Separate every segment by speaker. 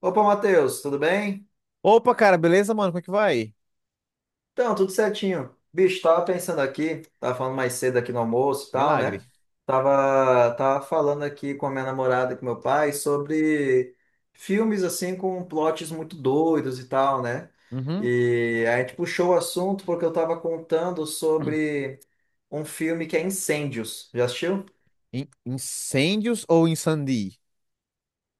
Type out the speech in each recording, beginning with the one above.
Speaker 1: Opa, Matheus, tudo bem?
Speaker 2: Opa, cara, beleza, mano? Como é que vai?
Speaker 1: Então, tudo certinho. Bicho, tava pensando aqui, tava falando mais cedo aqui no almoço e tal, né?
Speaker 2: Milagre.
Speaker 1: Tava falando aqui com a minha namorada e com meu pai sobre filmes, assim, com plots muito doidos e tal, né?
Speaker 2: Uhum.
Speaker 1: E a gente puxou o assunto porque eu tava contando sobre um filme que é Incêndios. Já assistiu?
Speaker 2: Incêndios ou Incendi?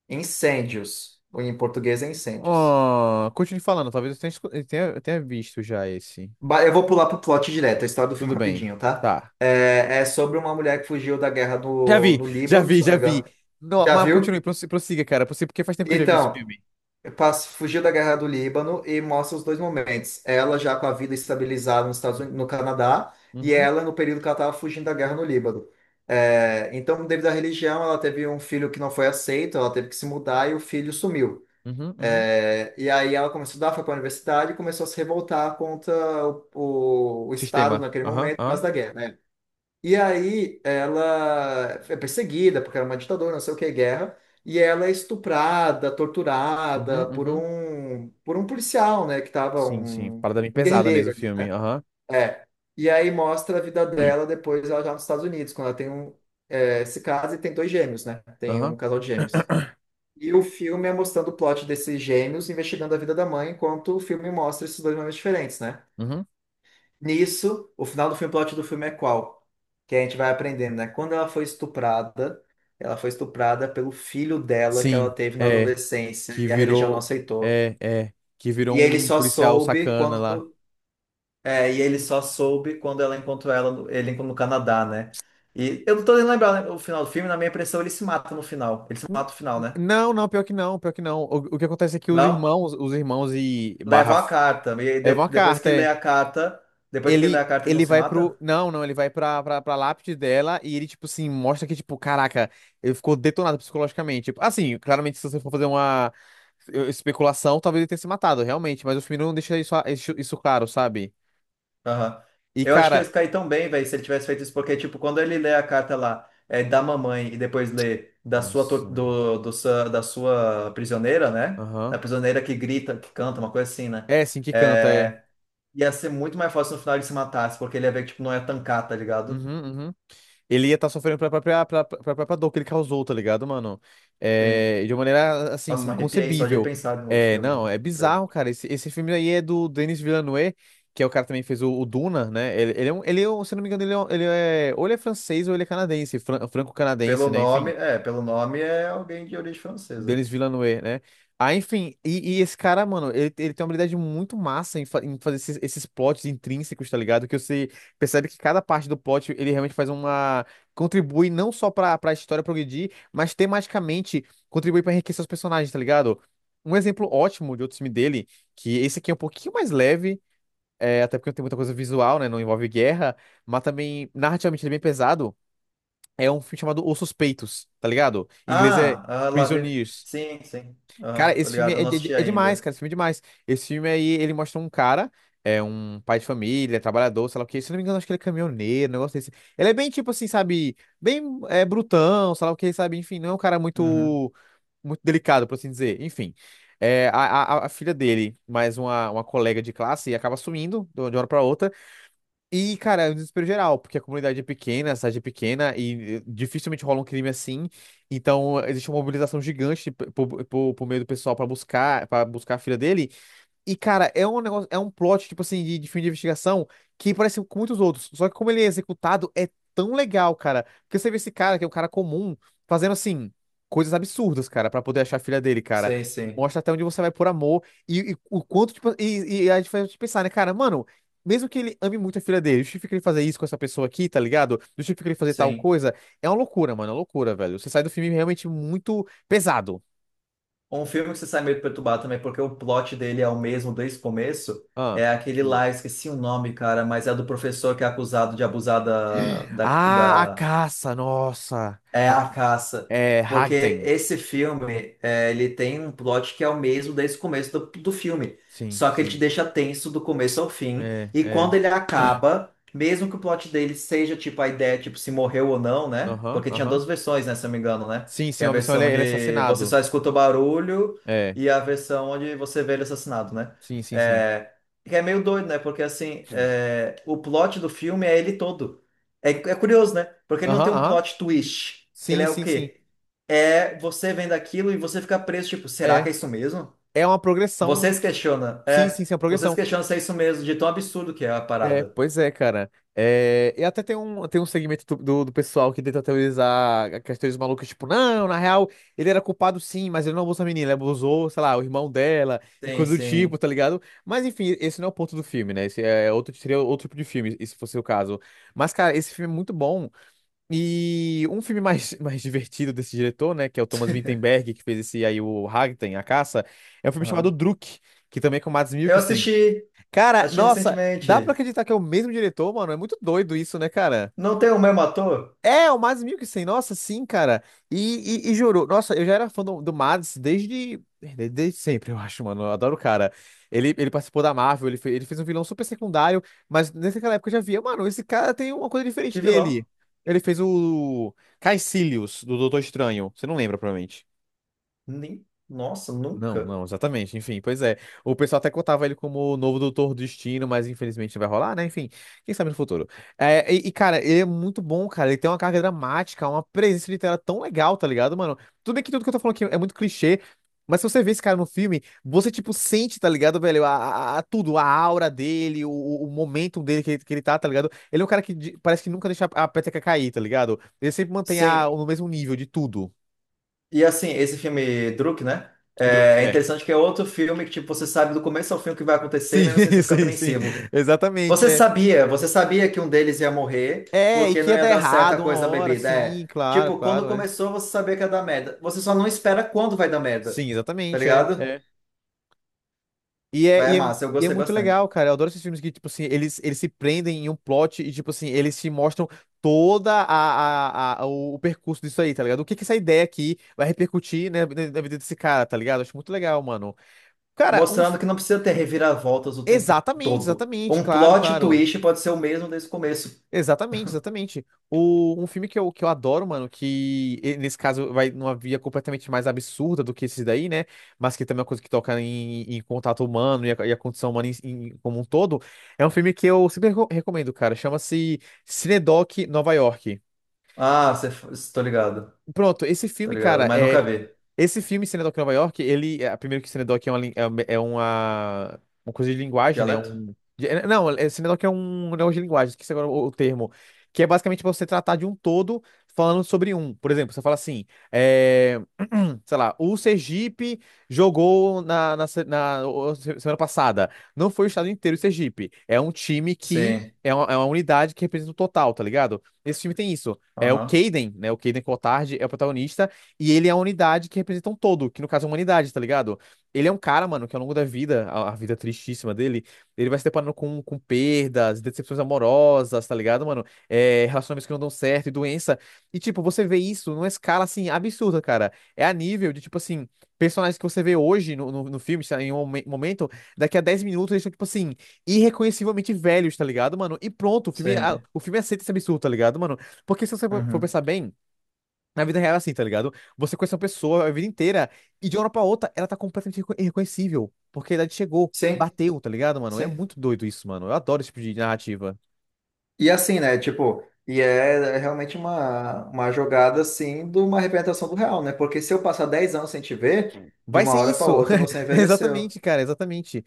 Speaker 1: Incêndios. Em português é Incêndios.
Speaker 2: Oh, continue falando, talvez eu tenha, escu- eu tenha visto já esse.
Speaker 1: Eu vou pular pro plot direto, a história do filme
Speaker 2: Tudo bem,
Speaker 1: rapidinho, tá?
Speaker 2: tá.
Speaker 1: É sobre uma mulher que fugiu da guerra
Speaker 2: Já
Speaker 1: no,
Speaker 2: vi,
Speaker 1: no
Speaker 2: já
Speaker 1: Líbano,
Speaker 2: vi,
Speaker 1: se eu não
Speaker 2: já
Speaker 1: me
Speaker 2: vi.
Speaker 1: engano.
Speaker 2: No,
Speaker 1: Já
Speaker 2: mas
Speaker 1: viu?
Speaker 2: continue, prossiga, cara, prossiga, porque faz tempo que eu já vi esse
Speaker 1: Então,
Speaker 2: filme.
Speaker 1: passo, fugiu da guerra do Líbano e mostra os dois momentos. Ela já com a vida estabilizada nos Estados Unidos, no Canadá, e
Speaker 2: Uhum,
Speaker 1: ela no período que ela estava fugindo da guerra no Líbano. É, então, devido à religião, ela teve um filho que não foi aceito, ela teve que se mudar e o filho sumiu.
Speaker 2: uhum, uhum.
Speaker 1: É, e aí ela começou a estudar, foi para a universidade e começou a se revoltar contra o Estado
Speaker 2: Sistema.
Speaker 1: naquele
Speaker 2: Aham,
Speaker 1: momento, por causa
Speaker 2: aham.
Speaker 1: da guerra, né? E aí ela é perseguida, porque era uma ditadura, não sei o que, guerra, e ela é estuprada, torturada
Speaker 2: Uhum,
Speaker 1: por
Speaker 2: uhum.
Speaker 1: um, por um policial, né? Que estava
Speaker 2: Sim, sim.
Speaker 1: um,
Speaker 2: Parada bem
Speaker 1: um
Speaker 2: pesada mesmo
Speaker 1: guerrilheiro
Speaker 2: o
Speaker 1: ali.
Speaker 2: filme.
Speaker 1: Né?
Speaker 2: Aham,
Speaker 1: É. E aí mostra a vida dela depois, ela já nos Estados Unidos, quando ela tem um, é, se casa e tem dois gêmeos, né? Tem
Speaker 2: aham.
Speaker 1: um casal de gêmeos. E o filme é mostrando o plot desses gêmeos investigando a vida da mãe, enquanto o filme mostra esses dois momentos diferentes, né?
Speaker 2: Uhum.
Speaker 1: Nisso, o final do filme, o plot do filme é qual? Que a gente vai aprendendo, né? Quando ela foi estuprada pelo filho dela que ela
Speaker 2: Sim.
Speaker 1: teve na
Speaker 2: É.
Speaker 1: adolescência
Speaker 2: Que
Speaker 1: e a religião não
Speaker 2: virou.
Speaker 1: aceitou.
Speaker 2: É, é. Que virou
Speaker 1: E ele
Speaker 2: um
Speaker 1: só
Speaker 2: policial
Speaker 1: soube
Speaker 2: sacana lá.
Speaker 1: quando, é, e ele só soube quando ela encontrou ela, ele no Canadá, né? E eu não tô nem lembrando, né? O final do filme, na minha impressão ele se mata no final. Ele se
Speaker 2: N-
Speaker 1: mata no final, né?
Speaker 2: Não, não, pior que não, pior que não. O que acontece é que os
Speaker 1: Não?
Speaker 2: irmãos, os irmãos
Speaker 1: Levam a carta. E
Speaker 2: levam a
Speaker 1: depois que
Speaker 2: carta,
Speaker 1: ele lê
Speaker 2: é.
Speaker 1: a carta, depois que ele lê
Speaker 2: Ele,
Speaker 1: a carta, ele não
Speaker 2: ele
Speaker 1: se
Speaker 2: vai pro.
Speaker 1: mata?
Speaker 2: Não, não, ele vai pra lápide dela e ele, tipo assim, mostra que, tipo, caraca, ele ficou detonado psicologicamente. Tipo, assim, claramente, se você for fazer uma especulação, talvez ele tenha se matado, realmente, mas o filme não deixa isso claro, sabe?
Speaker 1: Aham.
Speaker 2: E,
Speaker 1: Eu acho que ia
Speaker 2: cara.
Speaker 1: ficar aí tão bem, velho, se ele tivesse feito isso, porque, tipo, quando ele lê a carta lá, é da mamãe e depois lê da sua,
Speaker 2: Nossa.
Speaker 1: do, da sua prisioneira, né? Da
Speaker 2: Aham.
Speaker 1: prisioneira que grita, que canta, uma coisa assim, né?
Speaker 2: É, sim, que canta, é.
Speaker 1: É, ia ser muito mais fácil no final ele se matasse, porque ele ia ver que, tipo, não ia tancar, tá ligado?
Speaker 2: Uhum, uhum. Ele ia estar sofrendo pela própria dor que ele causou, tá ligado, mano?
Speaker 1: Sim.
Speaker 2: É, de uma maneira,
Speaker 1: Nossa,
Speaker 2: assim,
Speaker 1: me arrepiei só de
Speaker 2: inconcebível.
Speaker 1: pensar no
Speaker 2: É, não,
Speaker 1: filme.
Speaker 2: é
Speaker 1: Credo.
Speaker 2: bizarro, cara. Esse filme aí é do Denis Villeneuve, que é o cara que também fez o Duna, né? Se não me engano, ele é, um- ele é- ou ele é francês ou ele é canadense, franco-canadense, né? Enfim.
Speaker 1: Pelo nome é alguém de origem francesa.
Speaker 2: Denis Villeneuve, né? Ah, enfim, e esse cara, mano, ele tem uma habilidade muito massa em fazer esses, esses plots intrínsecos, tá ligado? Que você percebe que cada parte do plot ele realmente faz uma. Contribui não só pra história progredir, mas tematicamente contribui pra enriquecer os personagens, tá ligado? Um exemplo ótimo de outro filme dele, que esse aqui é um pouquinho mais leve, até porque não tem muita coisa visual, né? Não envolve guerra, mas também narrativamente ele é bem pesado. É um filme chamado Os Suspeitos, tá ligado? Em inglês é
Speaker 1: Ah, a Lavigne.
Speaker 2: Prisoners.
Speaker 1: Sim, sim.
Speaker 2: Cara,
Speaker 1: Aham, tô
Speaker 2: esse filme
Speaker 1: ligado, eu
Speaker 2: é,
Speaker 1: não
Speaker 2: de-
Speaker 1: assisti
Speaker 2: é demais,
Speaker 1: ainda.
Speaker 2: cara. Esse filme é demais. Esse filme aí, ele mostra um cara, é um pai de família, trabalhador, sei lá o quê. Se eu não me engano, acho que ele é caminhoneiro, um negócio desse. Ele é bem, tipo assim, sabe? Bem brutão, sei lá o quê, sabe? Enfim, não é um cara
Speaker 1: Uhum.
Speaker 2: muito, muito delicado, por assim dizer. Enfim, a, a filha dele, mais uma colega de classe, acaba sumindo de uma hora pra outra. E, cara, é um desespero geral, porque a comunidade é pequena, a cidade é pequena e dificilmente rola um crime assim. Então, existe uma mobilização gigante tipo, por meio do pessoal para buscar a filha dele. E, cara, é um negócio, é um plot, tipo assim, de filme de investigação que parece com muitos outros. Só que como ele é executado, é tão legal, cara. Porque você vê esse cara, que é um cara comum, fazendo assim, coisas absurdas, cara, pra poder achar a filha dele, cara.
Speaker 1: Sim, sim,
Speaker 2: Mostra até onde você vai por amor e o quanto, tipo, e a gente faz a gente pensar, né, cara, mano. Mesmo que ele ame muito a filha dele, justifica ele fazer isso com essa pessoa aqui, tá ligado? Justifica ele fazer tal
Speaker 1: sim.
Speaker 2: coisa. É uma loucura, mano, é uma loucura, velho. Você sai do filme realmente muito pesado.
Speaker 1: Um filme que você sai meio perturbado também, porque o plot dele é o mesmo desde o começo.
Speaker 2: Ah.
Speaker 1: É aquele lá, esqueci o nome, cara, mas é do professor que é acusado de abusar da, da,
Speaker 2: Ah, a
Speaker 1: da
Speaker 2: caça, nossa.
Speaker 1: É
Speaker 2: A-
Speaker 1: a caça. Porque
Speaker 2: Hagden.
Speaker 1: esse filme, é, ele tem um plot que é o mesmo desde o começo do filme.
Speaker 2: Sim,
Speaker 1: Só que ele te
Speaker 2: sim.
Speaker 1: deixa tenso do começo ao fim.
Speaker 2: É,
Speaker 1: E
Speaker 2: é.
Speaker 1: quando ele acaba, mesmo que o plot dele seja tipo a ideia, tipo, se morreu ou não, né?
Speaker 2: Aham,
Speaker 1: Porque tinha
Speaker 2: aham.
Speaker 1: duas versões, né? Se eu me engano, né?
Speaker 2: Sim,
Speaker 1: Que
Speaker 2: sim,
Speaker 1: é a
Speaker 2: uma versão ele,
Speaker 1: versão
Speaker 2: é- ele é
Speaker 1: de você
Speaker 2: assassinado.
Speaker 1: só escuta o barulho
Speaker 2: É,
Speaker 1: e a versão onde você vê ele assassinado, né?
Speaker 2: sim, sim, sim.
Speaker 1: É, que é meio doido, né? Porque assim,
Speaker 2: Sim.
Speaker 1: é, o plot do filme é ele todo. É, é curioso, né? Porque ele não
Speaker 2: Aham,
Speaker 1: tem um
Speaker 2: aham.
Speaker 1: plot twist. Ele
Speaker 2: Sim,
Speaker 1: é o
Speaker 2: sim, sim.
Speaker 1: quê? É você vendo aquilo e você fica preso, tipo, será
Speaker 2: É.
Speaker 1: que é isso mesmo?
Speaker 2: É uma
Speaker 1: Você
Speaker 2: progressão.
Speaker 1: se questiona,
Speaker 2: Sim,
Speaker 1: é.
Speaker 2: sim, sim, é uma
Speaker 1: Você se
Speaker 2: progressão.
Speaker 1: questiona se é isso mesmo, de tão absurdo que é a
Speaker 2: É,
Speaker 1: parada.
Speaker 2: pois é, cara. É, e até tem um, segmento do pessoal que tenta teorizar aquelas teorias malucas, tipo, não, na real, ele era culpado sim, mas ele não abusou a menina, ele abusou, sei lá, o irmão dela e
Speaker 1: Sim,
Speaker 2: coisa do tipo,
Speaker 1: sim.
Speaker 2: tá ligado? Mas enfim, esse não é o ponto do filme, né? Esse é outro, seria outro tipo de filme, se fosse o caso. Mas, cara, esse filme é muito bom. E um filme mais, mais divertido desse diretor, né, que é o Thomas Vinterberg, que fez esse aí, o Ragtime, A Caça, é um filme chamado
Speaker 1: Aham.
Speaker 2: Druk, que também é com o Mads
Speaker 1: Eu
Speaker 2: Mikkelsen.
Speaker 1: assisti,
Speaker 2: Cara,
Speaker 1: assisti
Speaker 2: nossa, dá pra
Speaker 1: recentemente.
Speaker 2: acreditar que é o mesmo diretor, mano? É muito doido isso, né, cara?
Speaker 1: Não tem o mesmo ator?
Speaker 2: É, é o Mads Mikkelsen, nossa, sim, cara. E juro, nossa, eu já era fã do Mads desde sempre, eu acho, mano. Eu adoro o cara. Ele participou da Marvel, ele fez um vilão super secundário, mas naquela época eu já via, mano, esse cara tem uma coisa diferente
Speaker 1: Que vilão?
Speaker 2: dele. Ele fez o Caecilius, do Doutor Estranho. Você não lembra, provavelmente.
Speaker 1: Nem... Nossa,
Speaker 2: Não,
Speaker 1: nunca.
Speaker 2: não, exatamente. Enfim, pois é. O pessoal até contava ele como o novo Doutor Destino, mas infelizmente não vai rolar, né? Enfim, quem sabe no futuro. É, e cara, ele é muito bom, cara. Ele tem uma carga dramática, uma presença literária tão legal, tá ligado, mano? Tudo bem que tudo que eu tô falando aqui é muito clichê, mas se você vê esse cara no filme, você, tipo, sente, tá ligado, velho? Tudo, a aura dele, o momento dele que ele tá, tá ligado? Ele é um cara que parece que nunca deixa a peteca cair, tá ligado? Ele sempre mantém
Speaker 1: Sim,
Speaker 2: no mesmo nível de tudo.
Speaker 1: e assim, esse filme Druk, né?
Speaker 2: O Druk,
Speaker 1: É é
Speaker 2: é.
Speaker 1: interessante que é outro filme que, tipo, você sabe do começo ao fim o que vai acontecer, e
Speaker 2: Sim,
Speaker 1: mesmo assim você fica
Speaker 2: sim, sim.
Speaker 1: apreensivo.
Speaker 2: Exatamente, é.
Speaker 1: Você sabia que um deles ia morrer
Speaker 2: É, e
Speaker 1: porque
Speaker 2: que
Speaker 1: não
Speaker 2: ia
Speaker 1: ia
Speaker 2: dar
Speaker 1: dar certa
Speaker 2: errado uma
Speaker 1: coisa da
Speaker 2: hora,
Speaker 1: bebida.
Speaker 2: sim,
Speaker 1: É,
Speaker 2: claro,
Speaker 1: tipo, quando
Speaker 2: claro, é.
Speaker 1: começou você sabia que ia dar merda. Você só não espera quando vai dar merda,
Speaker 2: Sim,
Speaker 1: tá
Speaker 2: exatamente, é,
Speaker 1: ligado?
Speaker 2: é. E é,
Speaker 1: Mas é
Speaker 2: e é,
Speaker 1: massa, eu
Speaker 2: e é
Speaker 1: gostei
Speaker 2: muito
Speaker 1: bastante.
Speaker 2: legal, cara. Eu adoro esses filmes que, tipo assim, eles se prendem em um plot e, tipo assim, eles te mostram toda a- o percurso disso aí, tá ligado? O que que essa ideia aqui vai repercutir, né, na vida desse cara, tá ligado? Acho muito legal, mano. Cara.
Speaker 1: Mostrando que não precisa ter reviravoltas o tempo
Speaker 2: Exatamente,
Speaker 1: todo.
Speaker 2: exatamente,
Speaker 1: Um
Speaker 2: claro,
Speaker 1: plot
Speaker 2: claro.
Speaker 1: twist pode ser o mesmo desde o começo.
Speaker 2: Exatamente, exatamente. Um filme que eu adoro, mano, nesse caso vai numa via completamente mais absurda do que esse daí, né? Mas que também é uma coisa que toca em contato humano e a condição humana em como um todo. É um filme que eu sempre recomendo, cara. Chama-se Cinedoc Nova York.
Speaker 1: Ah, você, tô ligado,
Speaker 2: Pronto, esse
Speaker 1: tô
Speaker 2: filme,
Speaker 1: ligado,
Speaker 2: cara,
Speaker 1: mas nunca
Speaker 2: é.
Speaker 1: vi.
Speaker 2: Esse filme, Cinedoc Nova York, Primeiro que Cinedoc é uma, coisa de linguagem, né?
Speaker 1: Dialeto?
Speaker 2: Não, Cinedoc é um negócio de linguagem, esqueci agora o termo. Que é basicamente pra você tratar de um todo falando sobre um. Por exemplo, você fala assim, é, sei lá, o Sergipe jogou na semana passada. Não foi o estado inteiro o Sergipe. É um time que.
Speaker 1: Sim.
Speaker 2: É uma unidade que representa o total, tá ligado? Esse filme tem isso. É o
Speaker 1: Aham.
Speaker 2: Caden, né? O Caden Cotard é o protagonista e ele é a unidade que representa um todo, que no caso é a humanidade, tá ligado? Ele é um cara, mano, que ao longo da vida, a vida tristíssima dele, ele vai se deparando com perdas, decepções amorosas, tá ligado, mano? É, relacionamentos que não dão certo e doença. E, tipo, você vê isso numa escala, assim, absurda, cara. É a nível de, tipo assim, personagens que você vê hoje no filme, sei lá, em um momento, daqui a 10 minutos eles são, tipo assim, irreconhecivelmente velhos, tá ligado, mano? E pronto, o filme, a-
Speaker 1: Sim.
Speaker 2: o filme aceita esse absurdo, tá ligado, mano? Porque se você for
Speaker 1: Uhum.
Speaker 2: pensar bem, na vida real é assim, tá ligado? Você conhece uma pessoa a vida inteira e de uma hora pra outra ela tá completamente irreconhecível. Porque a idade chegou,
Speaker 1: Sim,
Speaker 2: bateu, tá ligado, mano? É
Speaker 1: sim.
Speaker 2: muito doido isso, mano. Eu adoro esse tipo de narrativa.
Speaker 1: E assim, né? Tipo, é realmente uma jogada, assim, de uma representação do real, né? Porque se eu passar 10 anos sem te ver, de
Speaker 2: Vai
Speaker 1: uma
Speaker 2: ser
Speaker 1: hora para
Speaker 2: isso!
Speaker 1: outra você envelheceu.
Speaker 2: Exatamente, cara, exatamente.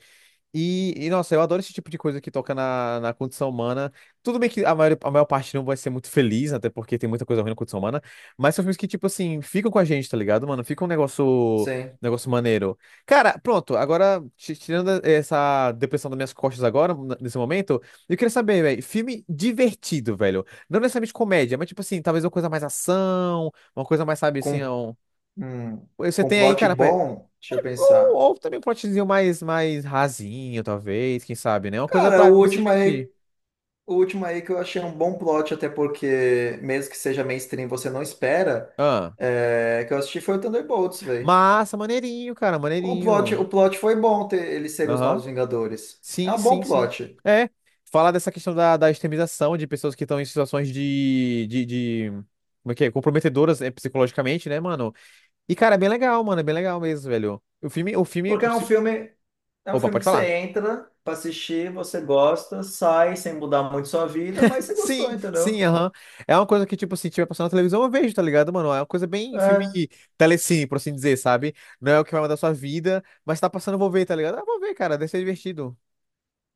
Speaker 2: E, nossa, eu adoro esse tipo de coisa que toca na condição humana. Tudo bem que a maior parte não vai ser muito feliz, até porque tem muita coisa ruim na condição humana, mas são filmes que, tipo assim, ficam com a gente, tá ligado, mano? Fica um negócio,
Speaker 1: Sim.
Speaker 2: negócio maneiro. Cara, pronto, agora, tirando essa depressão das minhas costas agora, nesse momento, eu queria saber, velho, filme divertido, velho. Não necessariamente comédia, mas, tipo assim, talvez uma coisa mais ação, uma coisa mais, sabe, assim, é
Speaker 1: Com,
Speaker 2: um...
Speaker 1: hum,
Speaker 2: Você
Speaker 1: com um
Speaker 2: tem aí,
Speaker 1: plot
Speaker 2: cara,
Speaker 1: bom, deixa eu
Speaker 2: ou,
Speaker 1: pensar.
Speaker 2: ou também um plotzinho mais, mais rasinho, talvez, quem sabe, né? Uma coisa
Speaker 1: Cara,
Speaker 2: pra,
Speaker 1: o
Speaker 2: pra se
Speaker 1: último
Speaker 2: divertir.
Speaker 1: aí O último aí que eu achei um bom plot, até porque, mesmo que seja mainstream, você não espera,
Speaker 2: Ah.
Speaker 1: é, que eu assisti foi o Thunderbolts, velho.
Speaker 2: Massa, maneirinho, cara, maneirinho.
Speaker 1: O plot foi bom ter eles serem os
Speaker 2: Aham.
Speaker 1: novos Vingadores. É
Speaker 2: Sim,
Speaker 1: um bom
Speaker 2: sim, sim.
Speaker 1: plot.
Speaker 2: É. Falar dessa questão da extremização de pessoas que estão em situações Como é que é? Comprometedoras, psicologicamente, né, mano? E, cara, é bem legal, mano. É bem legal mesmo, velho. O filme.
Speaker 1: Porque é um
Speaker 2: Opa,
Speaker 1: filme
Speaker 2: pode
Speaker 1: que você
Speaker 2: falar.
Speaker 1: entra pra assistir, você gosta, sai sem mudar muito sua vida, mas você gostou,
Speaker 2: Sim,
Speaker 1: entendeu?
Speaker 2: sim, aham. É uma coisa que, tipo, assim tiver passando na televisão, eu vejo, tá ligado, mano? É uma coisa bem filme
Speaker 1: É,
Speaker 2: telecine, por assim dizer, sabe? Não é o que vai mudar a sua vida, mas tá passando, eu vou ver, tá ligado? Ah, vou ver, cara, deve ser divertido.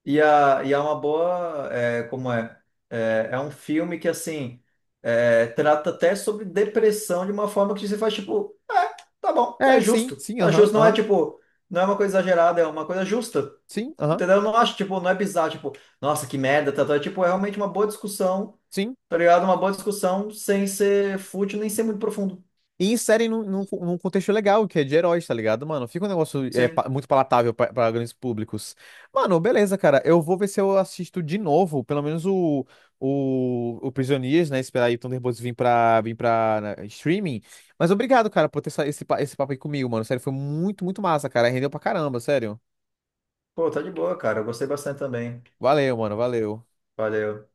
Speaker 1: e, a, e é uma boa, é, como é? É, é um filme que, assim, é, trata até sobre depressão de uma forma que você faz, tipo, é, tá bom, tá
Speaker 2: É, sim,
Speaker 1: justo,
Speaker 2: sim,
Speaker 1: tá
Speaker 2: aham,
Speaker 1: justo. Não é,
Speaker 2: aham,
Speaker 1: tipo, não é uma coisa exagerada, é uma coisa justa,
Speaker 2: sim, aham,
Speaker 1: entendeu? Eu não acho, tipo, não é bizarro, tipo, nossa, que merda, tá, tá. É, tipo, é realmente uma boa discussão,
Speaker 2: sim.
Speaker 1: tá ligado? Uma boa discussão sem ser fútil, nem ser muito profundo.
Speaker 2: E inserem num contexto legal, que é de heróis, tá ligado, mano? Fica um negócio
Speaker 1: Sim.
Speaker 2: muito palatável pra grandes públicos. Mano, beleza, cara. Eu vou ver se eu assisto de novo, pelo menos o, o Prisioneiros, né? Esperar aí o Thunderbolts vir pra, vir pra, né, streaming. Mas obrigado, cara, por ter essa- esse papo aí comigo, mano. Sério, foi muito, muito massa, cara. Rendeu pra caramba, sério.
Speaker 1: Pô, tá de boa, cara. Eu gostei bastante também.
Speaker 2: Valeu, mano, valeu.
Speaker 1: Valeu.